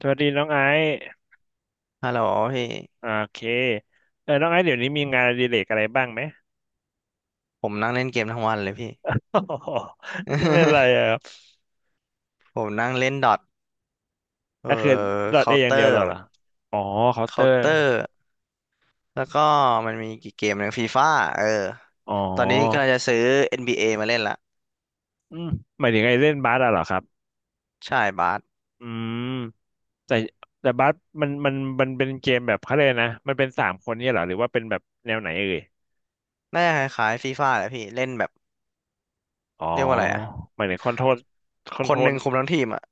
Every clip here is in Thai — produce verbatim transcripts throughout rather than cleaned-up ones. สวัสดีน้องไอซ์ฮัลโหลพี่โอเคเออน้องไอซ์เดี๋ยวนี้มีงานอดิเรกอะไรบ้างไหม ผมนั่งเล่นเกมทั้งวันเลยพี่ โอ้โห นั่งเล่นอะไรอ่ะ ครับผมนั่งเล่นดอทเออก็คือดอทเอเคาน์อเตย่างอเดียวเหร์รอมเหรอนอ๋อเคาน์เตอเคาน์ร์เตอร์แล้วก็มันมีกี่เกมหนึ่งฟีฟ่าเอออ๋อตอนนี้กำลังจะซื้อ เอ็น บี เอ มาเล่นละอืมหมายถึงไอ้เล่นบาสอะเหรอครับใช่บาสอืมแต่แต่บาสมันมันมันเป็นเกมแบบเขาเลยกนะมันเป็นสามคนเนี่ยเหรอหรือว่าเป็นแบบแนวไหนเอ่ยน่าจะคล้ายๆฟีฟ่าแหละพี่เล่นแบบอ๋อเรียกว่าอะไรอะหมายถึงคอนโทรลคอนคโทรนหลนึ่งคุมทั้งทีมอะ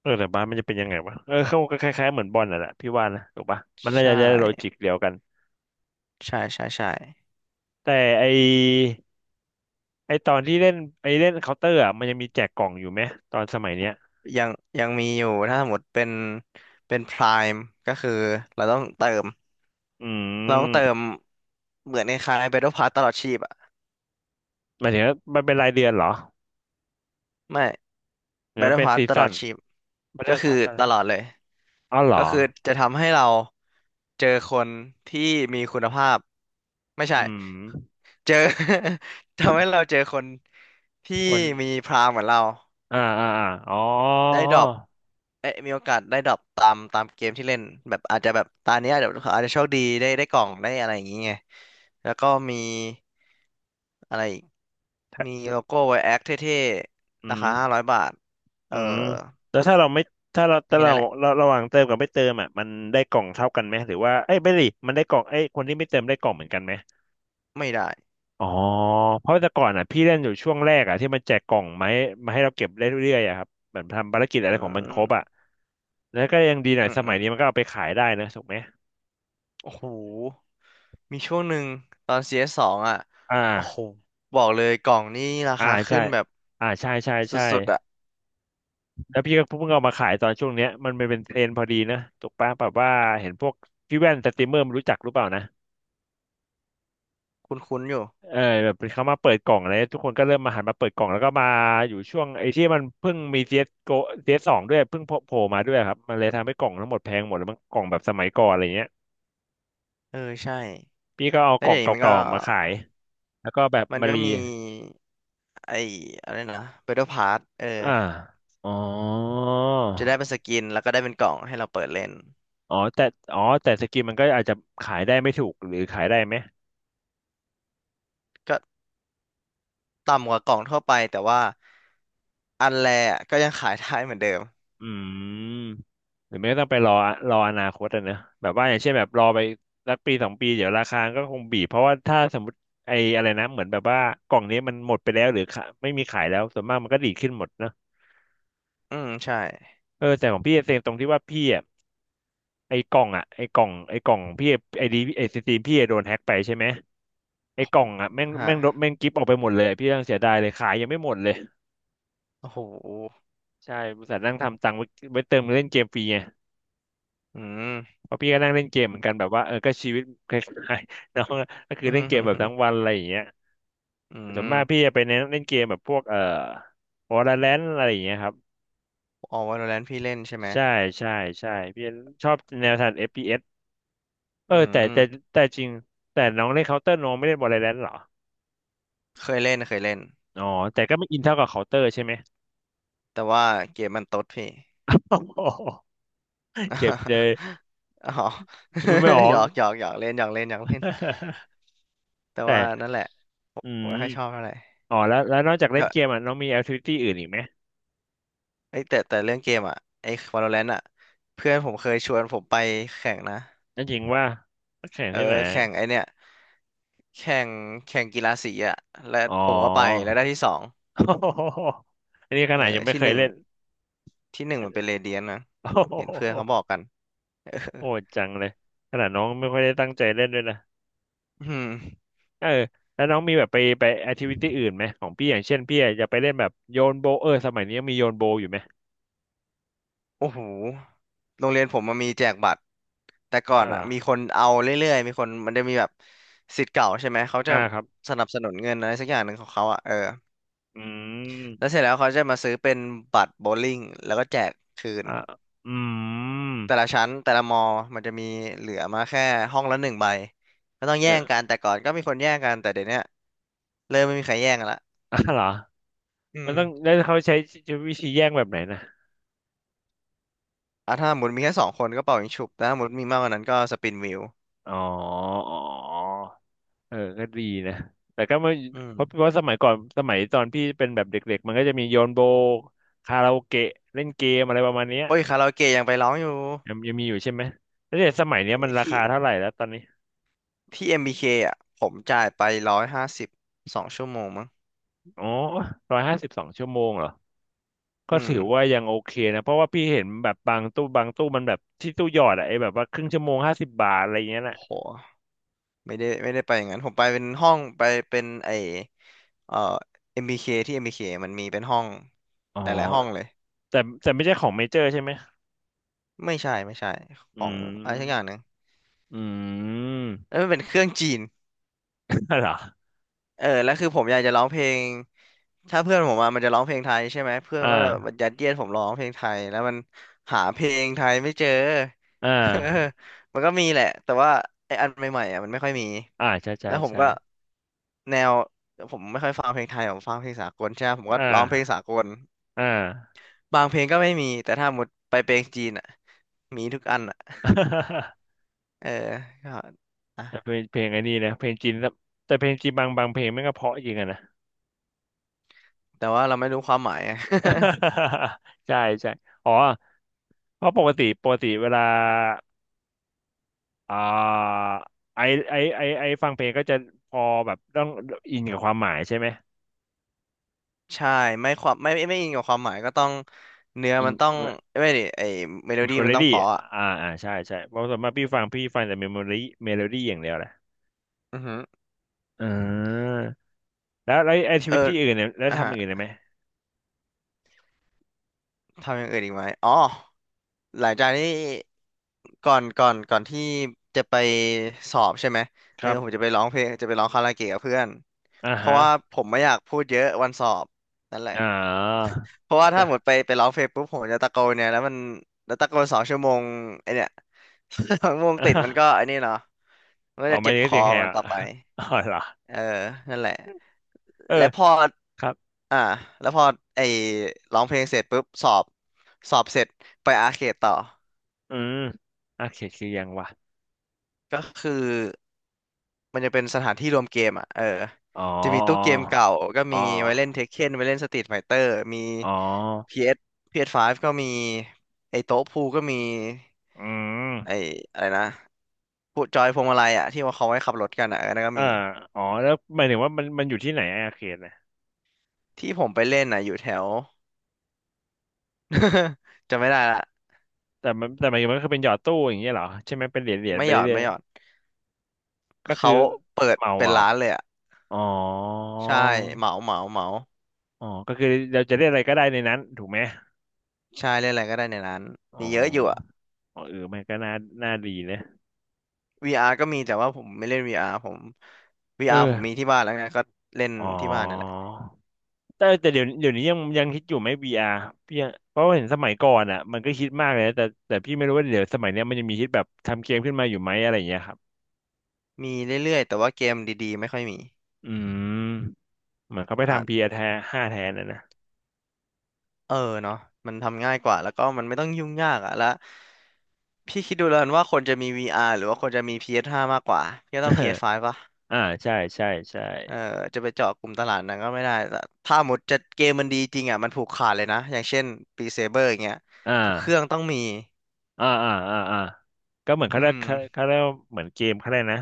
เออแต่บาสมันจะเป็นยังไงวะเออเขาก็คล้ายๆเหมือนบอลน่ะแหละพี่ว่านะถูกปะมันน่าใช่จะได้โลจิกเดียวกันใช่ใช่ใช่แต่ไอ ไอตอนที่เล่นไอเล่นเคาน์เตอร์อ่ะมันยังมีแจกกล่องอยู่ไหมตอนสมัยเนี้ยยังยังมีอยู่ถ้าสมมติเป็นเป็นพรามก็คือเราต้องเติมอืเราต้องเติมมเหมือนคล้ายๆ Battle Pass ตลอดชีพอะ หมายถึงว่ามันเป็นรายเดือนเหรอไม่ หรือมัน Battle เป็น Pass ซีตลซั่อนดชีพมันเป็ก็นคือพาร์ทซั่นตลอดเลยอ๋อเหรอก็คือจะทำให้เราเจอคนที่มีคุณภาพไม่ใช่ อืม เจอ ทำให้เราเจอคนที่คนมีพรามเหมือนเรา อ่าอ่าอาอ๋อได้ดรอปเอ้ยมีโอกาสได้ดรอปตามตามเกมที่เล่นแบบอาจจะแบบตาเนี้ยเดี๋ยวอาจจะโชคดีได้ได้กล่องได้อะไรอย่างเงี้ยแล้วก็มีอะไรอีกมีถ้าโลโก้ไวแอคเท่อืๆรามคาห้าร้อยบาท เออือมแล้วถ้าเราไม่ถ้าเรามีถ้าแค่เรานั้นแหละเราระหว่างเติมกับไม่เติมอ่ะมันได้กล่องเท่ากันไหมหรือว่าเอ้ยไม่ดิมันได้กล่องไอ้ยคนที่ไม่เติมได้กล่องเหมือนกันไหม ไม่ได้อ๋อเพราะแต่ก่อนอ่ะพี่เล่นอยู่ช่วงแรกอ่ะที่มันแจกกล่องไม้มาให้เราเก็บได้เรื่อยๆอ่ะครับเหมือนทำภารกิจอะไรอืของมันคมรบอ่ะแล้วก็ยังดีหน่ออืยมสอืมัยมนี้มันก็เอาไปขายได้นะถูกไหมโอ้โห มีช่วงหนึ่งตอน ซี เอส สสองอ่ะอ่โอ้โหาบอกเลยกล่องนี่ราอ่าคาขึ้ใช่นแบบอ่าใช่ใช่ใช่สุดๆอ่ะแล้วพี่ก็เพิ่งเอามาขายตอนช่วงเนี้ยมันเป็นเทรนด์พอดีนะถูกปะแบบว่าเห็นพวกพี่แว่นสตรีมเมอร์มันรู้จักหรือเปล่านะ คุ้นๆอยู่ เออแบบเขามาเปิดกล่องอะไรทุกคนก็เริ่มมาหันมาเปิดกล่องแล้วก็มาอยู่ช่วงไอ้ที่มันเพิ่งมี ซี เอส Go ซี เอส สโกซีเอสสองด้วยเพิ่งโผล่มาด้วยครับมันเลยทำให้กล่องทั้งหมดแพงหมดแล้วมันกล่องแบบสมัยก่อนอะไรเงี้ยเออใช่พี่ก็เอาแล้กวล่อเดี๋งยวนี้มันก็ เก่าๆมาขายแล้วก็แบบมันมาก็รีมีไอ้อะไรนะ Battle Pass เอออ่าอ๋อจะได้เป็นสกินแล้วก็ได้เป็นกล่องให้เราเปิดเล่นอ๋อแต่อ๋อแต่สกินมันก็อาจจะขายได้ไม่ถูกหรือขายได้ไหม ก็ต่ำกว่ากล่องทั่วไปแต่ว่าอันแรกก็ยังขายได้เหมือนเดิมอืมหรือไม่ก็ต้องไปรอรออนาคตอะเนอะแบบว่าอย่างเช่นแบบรอไปสักปีสองปีเดี๋ยวราคาก็คงบีบเพราะว่าถ้าสมมติไอ้อะไรนะเหมือนแบบว่ากล่องนี้มันหมดไปแล้วหรือขาไม่มีขายแล้วส่วนมากมันก็ดีดขึ้นหมดเนอะอืมใช่เออแต่ของพี่เซ็งตรงที่ว่าพี่อะไอ้กล่องอะไอ้กล่องไอ้กล่องพี่ไอ้ดีไอ้ซีซีพี่อะโดนแฮ็กไปใช่ไหมไอ้กล่องอะแม่งฮะแม่งลบแม่งกิฟต์ออกไปหมดเลยพี่ยังเสียดายเลยขายยังไม่หมดเลยโอ้โหใช่บริษัทนั่งทำตังค์ไว้ไว้เติมเล่นเกมฟรีไง อืม เพราะพี่ก็นั่งเล่นเกมเหมือนกันแบบว่าเออก็ชีวิตคล้ายๆ น้องก็ คืออืเล่นเกมแบบทั้งวัมนอะไรอย่างเงี้ยอืส่วนมมากพี่จะไปเน้นเล่นเกมแบบพวกเอ่อ Valorant อะไรอย่างเงี้ยครับอ๋อ Valorant พี่เล่นใช่ไหมใช่ใช่ใช่พี่ชอบแนวทาง เอฟ พี เอส เอสเออือแต่มแต่แต่จริงแต่น้องเล่นเคาน o u ต t ร์น้องไม่เล่น Valorant เหรอเคยเล่นเคยเล่นอ๋อแต่ก็ไม่อินเท่ากับเคาน o เ n อร์ใช่ไหมแต่ว่าเกมมันตดพี่ โอ้โห เจ็บเลย อ๋อ มันไม่ออ หยก อกหย อกหยอกเล่นหยอกเล่นหยอกเล่นแต่แต่ว่านั่นแหละผมอืมไม่ค่อยชอบเท่าไหร่ อ๋อแล้วแล้วนอกจากเล่แต่นเกมอ่ะน้องมีแอคทิวิตี้อื่นอีกไหมไอยแต่แต่เรื่องเกมอ่ะไอ้ Valorant อ่ะเพื่อนผมเคยชวนผมไปแข่งนะนั่นจริงว่าแข่งเออที่ไหน แข่งไอเนี่ยแข่งแข่งกีฬาสีอ่ะและอ๋อ ผมก็ไปแล้วได้ที่สอง อันนี้ขเอนาดอยังไม่ที่เคหยนึ่งเล่น ที่หนึ่งมันเป็นเรเดียนนะ โอ้เห็นเพื่อนเขาบโหอกกันเออโหดจังเลยขนาดน้องไม่ค่อยได้ตั้งใจเล่นด้วยนะอืมเออ แล้วน้องมีแบบไปไปแอคทิวิตี้อื่นไหมของพี่อย่างเช่นพี่อาจจะไปเล่นแบบโยนโบว์เออสมัยนี้ยังมีโยนโบว์อยู่ไหมโอ้โหโรงเรียนผมมันมีแจกบัตรแต่ก่ออ่านวเหรอ่ะอมีคนเอาเรื่อยๆมีคนมันจะมีแบบศิษย์เก่าใช่ไหมเขาจะอ่าครับสนับสนุนเงินอะไรสักอย่างหนึ่งของเขาอ่ะเออ อืแล้วเสมร็จแล้วเขาจะมาซื้อเป็นบัตรโบว์ลิ่งแล้วก็แจกคืนอ่าอืมแต่ละชั้นแต่ละมอมันจะมีเหลือมาแค่ห้องละหนึ่งใบก็ต้องแย่เนี่ย ง กันแต่ก่อนก็มีคนแย่งกันแต่เดี๋ยวเนี้ยเริ่มไม่มีใครแย่งกันละอ่าวเหรออืมันมต้องแล้วเขาใช้วิธีแย่งแบบไหนนะอ่ะถ้าหมุนมีแค่สองคนก็เป่ายิงฉุบแต่ถ้าหมุนมีมากกว่านั้นก็สปินวิวอ๋อ เออก็ดีนะ แต่ก็ไม่อืมเพราะเพราะสมัยก่อนสมัยตอนพี่เป็นแบบเด็กๆมันก็จะมีโยนโบคาราโอเกะเล่นเกมอะไรประมาณเนี้ยโอ้ยคาราโอเกะยังไปร้องอยู่ยังยังมีอยู่ใช่ไหมแล้วเดี๋ยวสมัยเนี้ยมันราที่คาเท่าไหร่แล้วตอนนี้ที่ เอ็ม บี เค อมบีเคอ่ะผมจ่ายไปร้อยห้าสิบสองชั่วโมงมั้งอ๋อร้อยห้าสิบสองชั่วโมงเหรอก็อืมถือว่ายังโอเคนะเพราะว่าพี่เห็นแบบบางตู้บางตู้มันแบบที่ตู้หยอดอะไอ้แบบว่าครึ่งชั่วโมงห้าสิบบาทอะไรอย่างเงี้ยน่ะโห ไม่ได้ไม่ได้ไปอย่างนั้นผมไปเป็นห้องไปเป็นไอเอ่อเอ็มบีเคที่เอ็มบี b k มันมีเป็นห้องอ๋อหลายๆห้องเลยแต่แต่ไม่ใช่ของเมเจอร์ใช่ไหมไม่ใช่ไม่ใช่ขออืงอะไรสักอย่างหมนึ่งอืม แล้วมันเป็นเครื่องจีน อะไรเหรอเออแล้วคือผมอยากจะร้องเพลงถ้าเพื่อนผมมามันจะร้องเพลงไทยใช่ไหมเพื่อนก็จะอ่ายัดเยียดผมร้องเพลงไทยแล้วมันหาเพลงไทยไม่เจอ อ่ เออามันก็มีแหละแต่ว่าไอ้อันใหม่ๆอ่ะมันไม่ค่อยมีอ่าใช่ใช่แล้วผมใช่ ก็แนวผมไม่ค่อยฟังเพลงไทยผมฟังเพลงสากลใช่ไหมผมก็อ่ร้องเพลงาสากลอ่า บางเพลงก็ไม่มีแต่ถ้าหมดไปเพลงจีนอ่ะมีทุกอันอ่ะ เออก็อ่ะแต่เป็นเพลงไอ้นี่นะเพลงจีนแล้วแต่เพลงจีนบางบางเพลงมันก็เพราะจริงอะนะ แต่ว่าเราไม่รู้ความหมายอะ ใช่ใช่อ๋อเพราะปกติปกติเวลาอ่าไอไอไอไอฟังเพลงก็จะพอแบบต้องอินกับความหมายใช่ไหมใช่ไม่ความไม่ไม่ไม่อิงกับความหมายก็ต้องเนื้ออินมันต้องไม่ดิไอเมโลเมดี้โมมันต้องรี่เพราะอะอ่าอ่าใช่ใช่เพราะส่วนมากพี่ฟังพี่ฟังแต่เมโมรี่เมโลดี้อย่างเดียวแหละอือหืออ่าแล้วแล้วไอชีเอวิอตที่อื่นเนี่ยแล้วอ่ะทำอฮะย่างอื่นได้ไหมทำอย่างอื่นอีกไหมอ๋อหลังจากนี้ก่อนก่อนก่อนที่จะไปสอบใช่ไหมคเออรับผมจะไปร้องเพลงจะไปร้องคาราโอเกะกับเพื่อนอ่าเพฮะราะว่าผมไม่อยากพูดเยอะวันสอบนั่นแหละอ่เพราะว่าา ถ้าหมดไปไปร้องเพลงปุ๊บผมจะตะโกนเนี่ยแล้วมันแล้วตะโกนสองชั่วโมงไอเนี่ย สองชั่วโมงติดมันก็ ไอนี่เนาะ มันก็เอาจะไม่เจ็บได้คเสีอยงแหกันบ ต่อ อะไป อ๋อเหรอเออ นั่นแหละ เออและพอครับอ่าแล้วพอไอ้ร้องเพลงเสร็จปุ๊บสอบ สอบเสร็จไปอาร์เคดต่อ อืมโอเคคือยังวะก็คือมันจะเป็นสถานที่รวมเกมอ่ะ เออ อ๋อจะมีตู้เกมเก่าก็อ๋อมีไว้เล่นเทคเ e นไว้เล่นสตรีทไฟเตอร์มี อ๋อ พี เอส พี เอส ไฟว์ ก็มีไอ้โต๊ะพูลก็มีอืมไอ้อะไรนะ พูจอยพวงมาลัยอ่ะที่ว่าเขาไว้ขับรถกันอ่ะเออนั่นก็อ่ามีอ๋อแล้วหมายถึงว่ามันมันอยู่ที่ไหนอะอาเขตนะที่ผมไปเล่นอ่ะอยู่แถว จะไม่ได้ละ แต่มันแต่หมายถึงมันคือเป็นหยอดตู้อย่างเงี้ยเหรอใช่ไหมเป็นเหรียญเหรียญไม่ไปหยอดเรื่อยไม่หยอดๆก็คือเขาเปิดเมาเป็นเอาร้านเลยอ่ะอ๋อใช่เหมาเหมาเหมาอ๋อก็คือเราจะได้อะไรก็ได้ในนั้นถูกไหมใช่เล่นอะไรก็ได้ในร้านอ๋อมีเยอะอยู่อ่ะ อ๋อเออมันก็น่าน่าดีนะ วี อาร์ ก็มีแต่ว่าผมไม่เล่น วี อาร์ ผม เอ วี อาร์ ผมมีอที่บ้านแล้วไงก็เล่นอ๋อ ที่บ้านนั่นแหละแต่แต่เดี๋ยวเดี๋ยวนี้ยังยังคิดอยู่ไหม วี อาร์ พี่อะเพราะว่าเห็นสมัยก่อนอ่ะมันก็คิดมากเลยนะแต่แต่พี่ไม่รู้ว่าเดี๋ยวสมัยเนี้ยมันยังมีคิดแบบทำเกมขึ้นมาอยู่ไหมอะไรอย่างเงี้ยครับมีเรื่อยๆแต่ว่าเกมดีๆไม่ค่อยมีอืมเหมือนเขาไปอ่ะทำ วี อาร์ แทนห้าแทนนะนะ เออเนาะมันทำง่ายกว่าแล้วก็มันไม่ต้องยุ่งยากอ่ะแล้วพี่คิดดูแล้วกันว่าคนจะมี วี อาร์ หรือว่าคนจะมี พี เอส ไฟว์ มากกว่าพี่ก็ เอต้ออง พี เอส ไฟว์ ป่ะ อ่าใช่ใช่ใช่เออจะไปเจาะกลุ่มตลาดนั้นก็ไม่ได้แต่ถ้าหมดจะเกมมันดีจริงอ่ะมันผูกขาดเลยนะอย่างเช่นปีเซเบอร์อย่างเงี้ยอ่ทุกเครื่องาต้องมีอ่าอ่าอ่าอ่าก็เหมือนเขาอืเรียกมเขาเขาเรียกว่าเหมือนเกมเขาเรียกนะ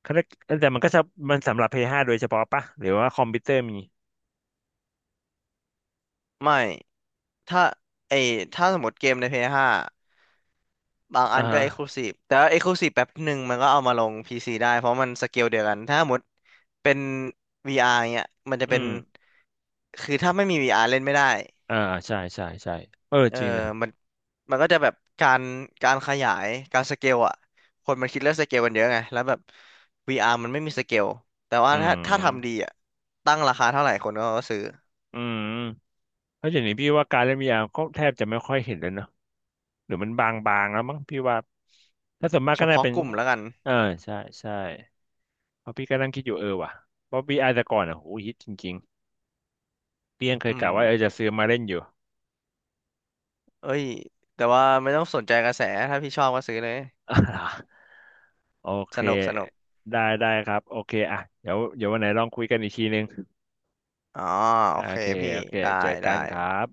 เขาเรียกแต่มันก็จะมันสำหรับ p ้ห้าโดยเฉพาะปะหรือว่าคอมพิวเตอร์มีไม่ถ้าไอถ้าสมมติเกมใน p ้ห้าบางอัอ่านก็ ฮะ Exclusive แต่ว่า Exclusive แป๊บหนึ่งมันก็เอามาลง พี ซี ได้เพราะมันสเกลเดียวกันถ้าหมดเป็น วี อาร์ เงี้ยมันจะอืเป็นมคือถ้าไม่มี วี อาร์ เล่นไม่ได้ อ่าใช่ใช่ใช่เออเออจริงนะมันมันก็จะแบบการการขยายการสเกลอ่ะ คนมันคิดเรื่องสเกลกันเยอะไง แล้วแบบ วี อาร์ มันไม่มีสเกล แต่ว่าอืถ้าถ้าทำดีมอ่ะตั้งราคาเท่าไหร่คนก็ซื้อ อืม แล้วอย่างนี้พี่ว่าการเล่น วี อาร์ ก็แทบจะไม่ค่อยเห็นเลยเนอะหรือมันบางๆแล้วมั้งพี่ว่าถ้าส่วนมากเฉก็น่าพาะเป็นกลุ่มแล้วกันเออใช่ใช่เพราะพี่ก็นั่งคิดอยู่เออว่ะเพราะ วี อาร์ แต่ก่อนอ่ะโหฮิตจริงๆเพียงเคอืยกะว่าเออจะมซื้อมาเล่นอยู่ เอ้ยแต่ว่าไม่ต้องสนใจกระแสถ้าพี่ชอบก็ซื้อเลย อ่าโอเคสนุกสนุกได้ได้ครับโอเคอ่ะเดี๋ยวเดี๋ยววันไหนลองคุยกันอีกทีนึงอ๋อโออ่าเคโอเคพี่โอเคได้เจอกัได้นครับ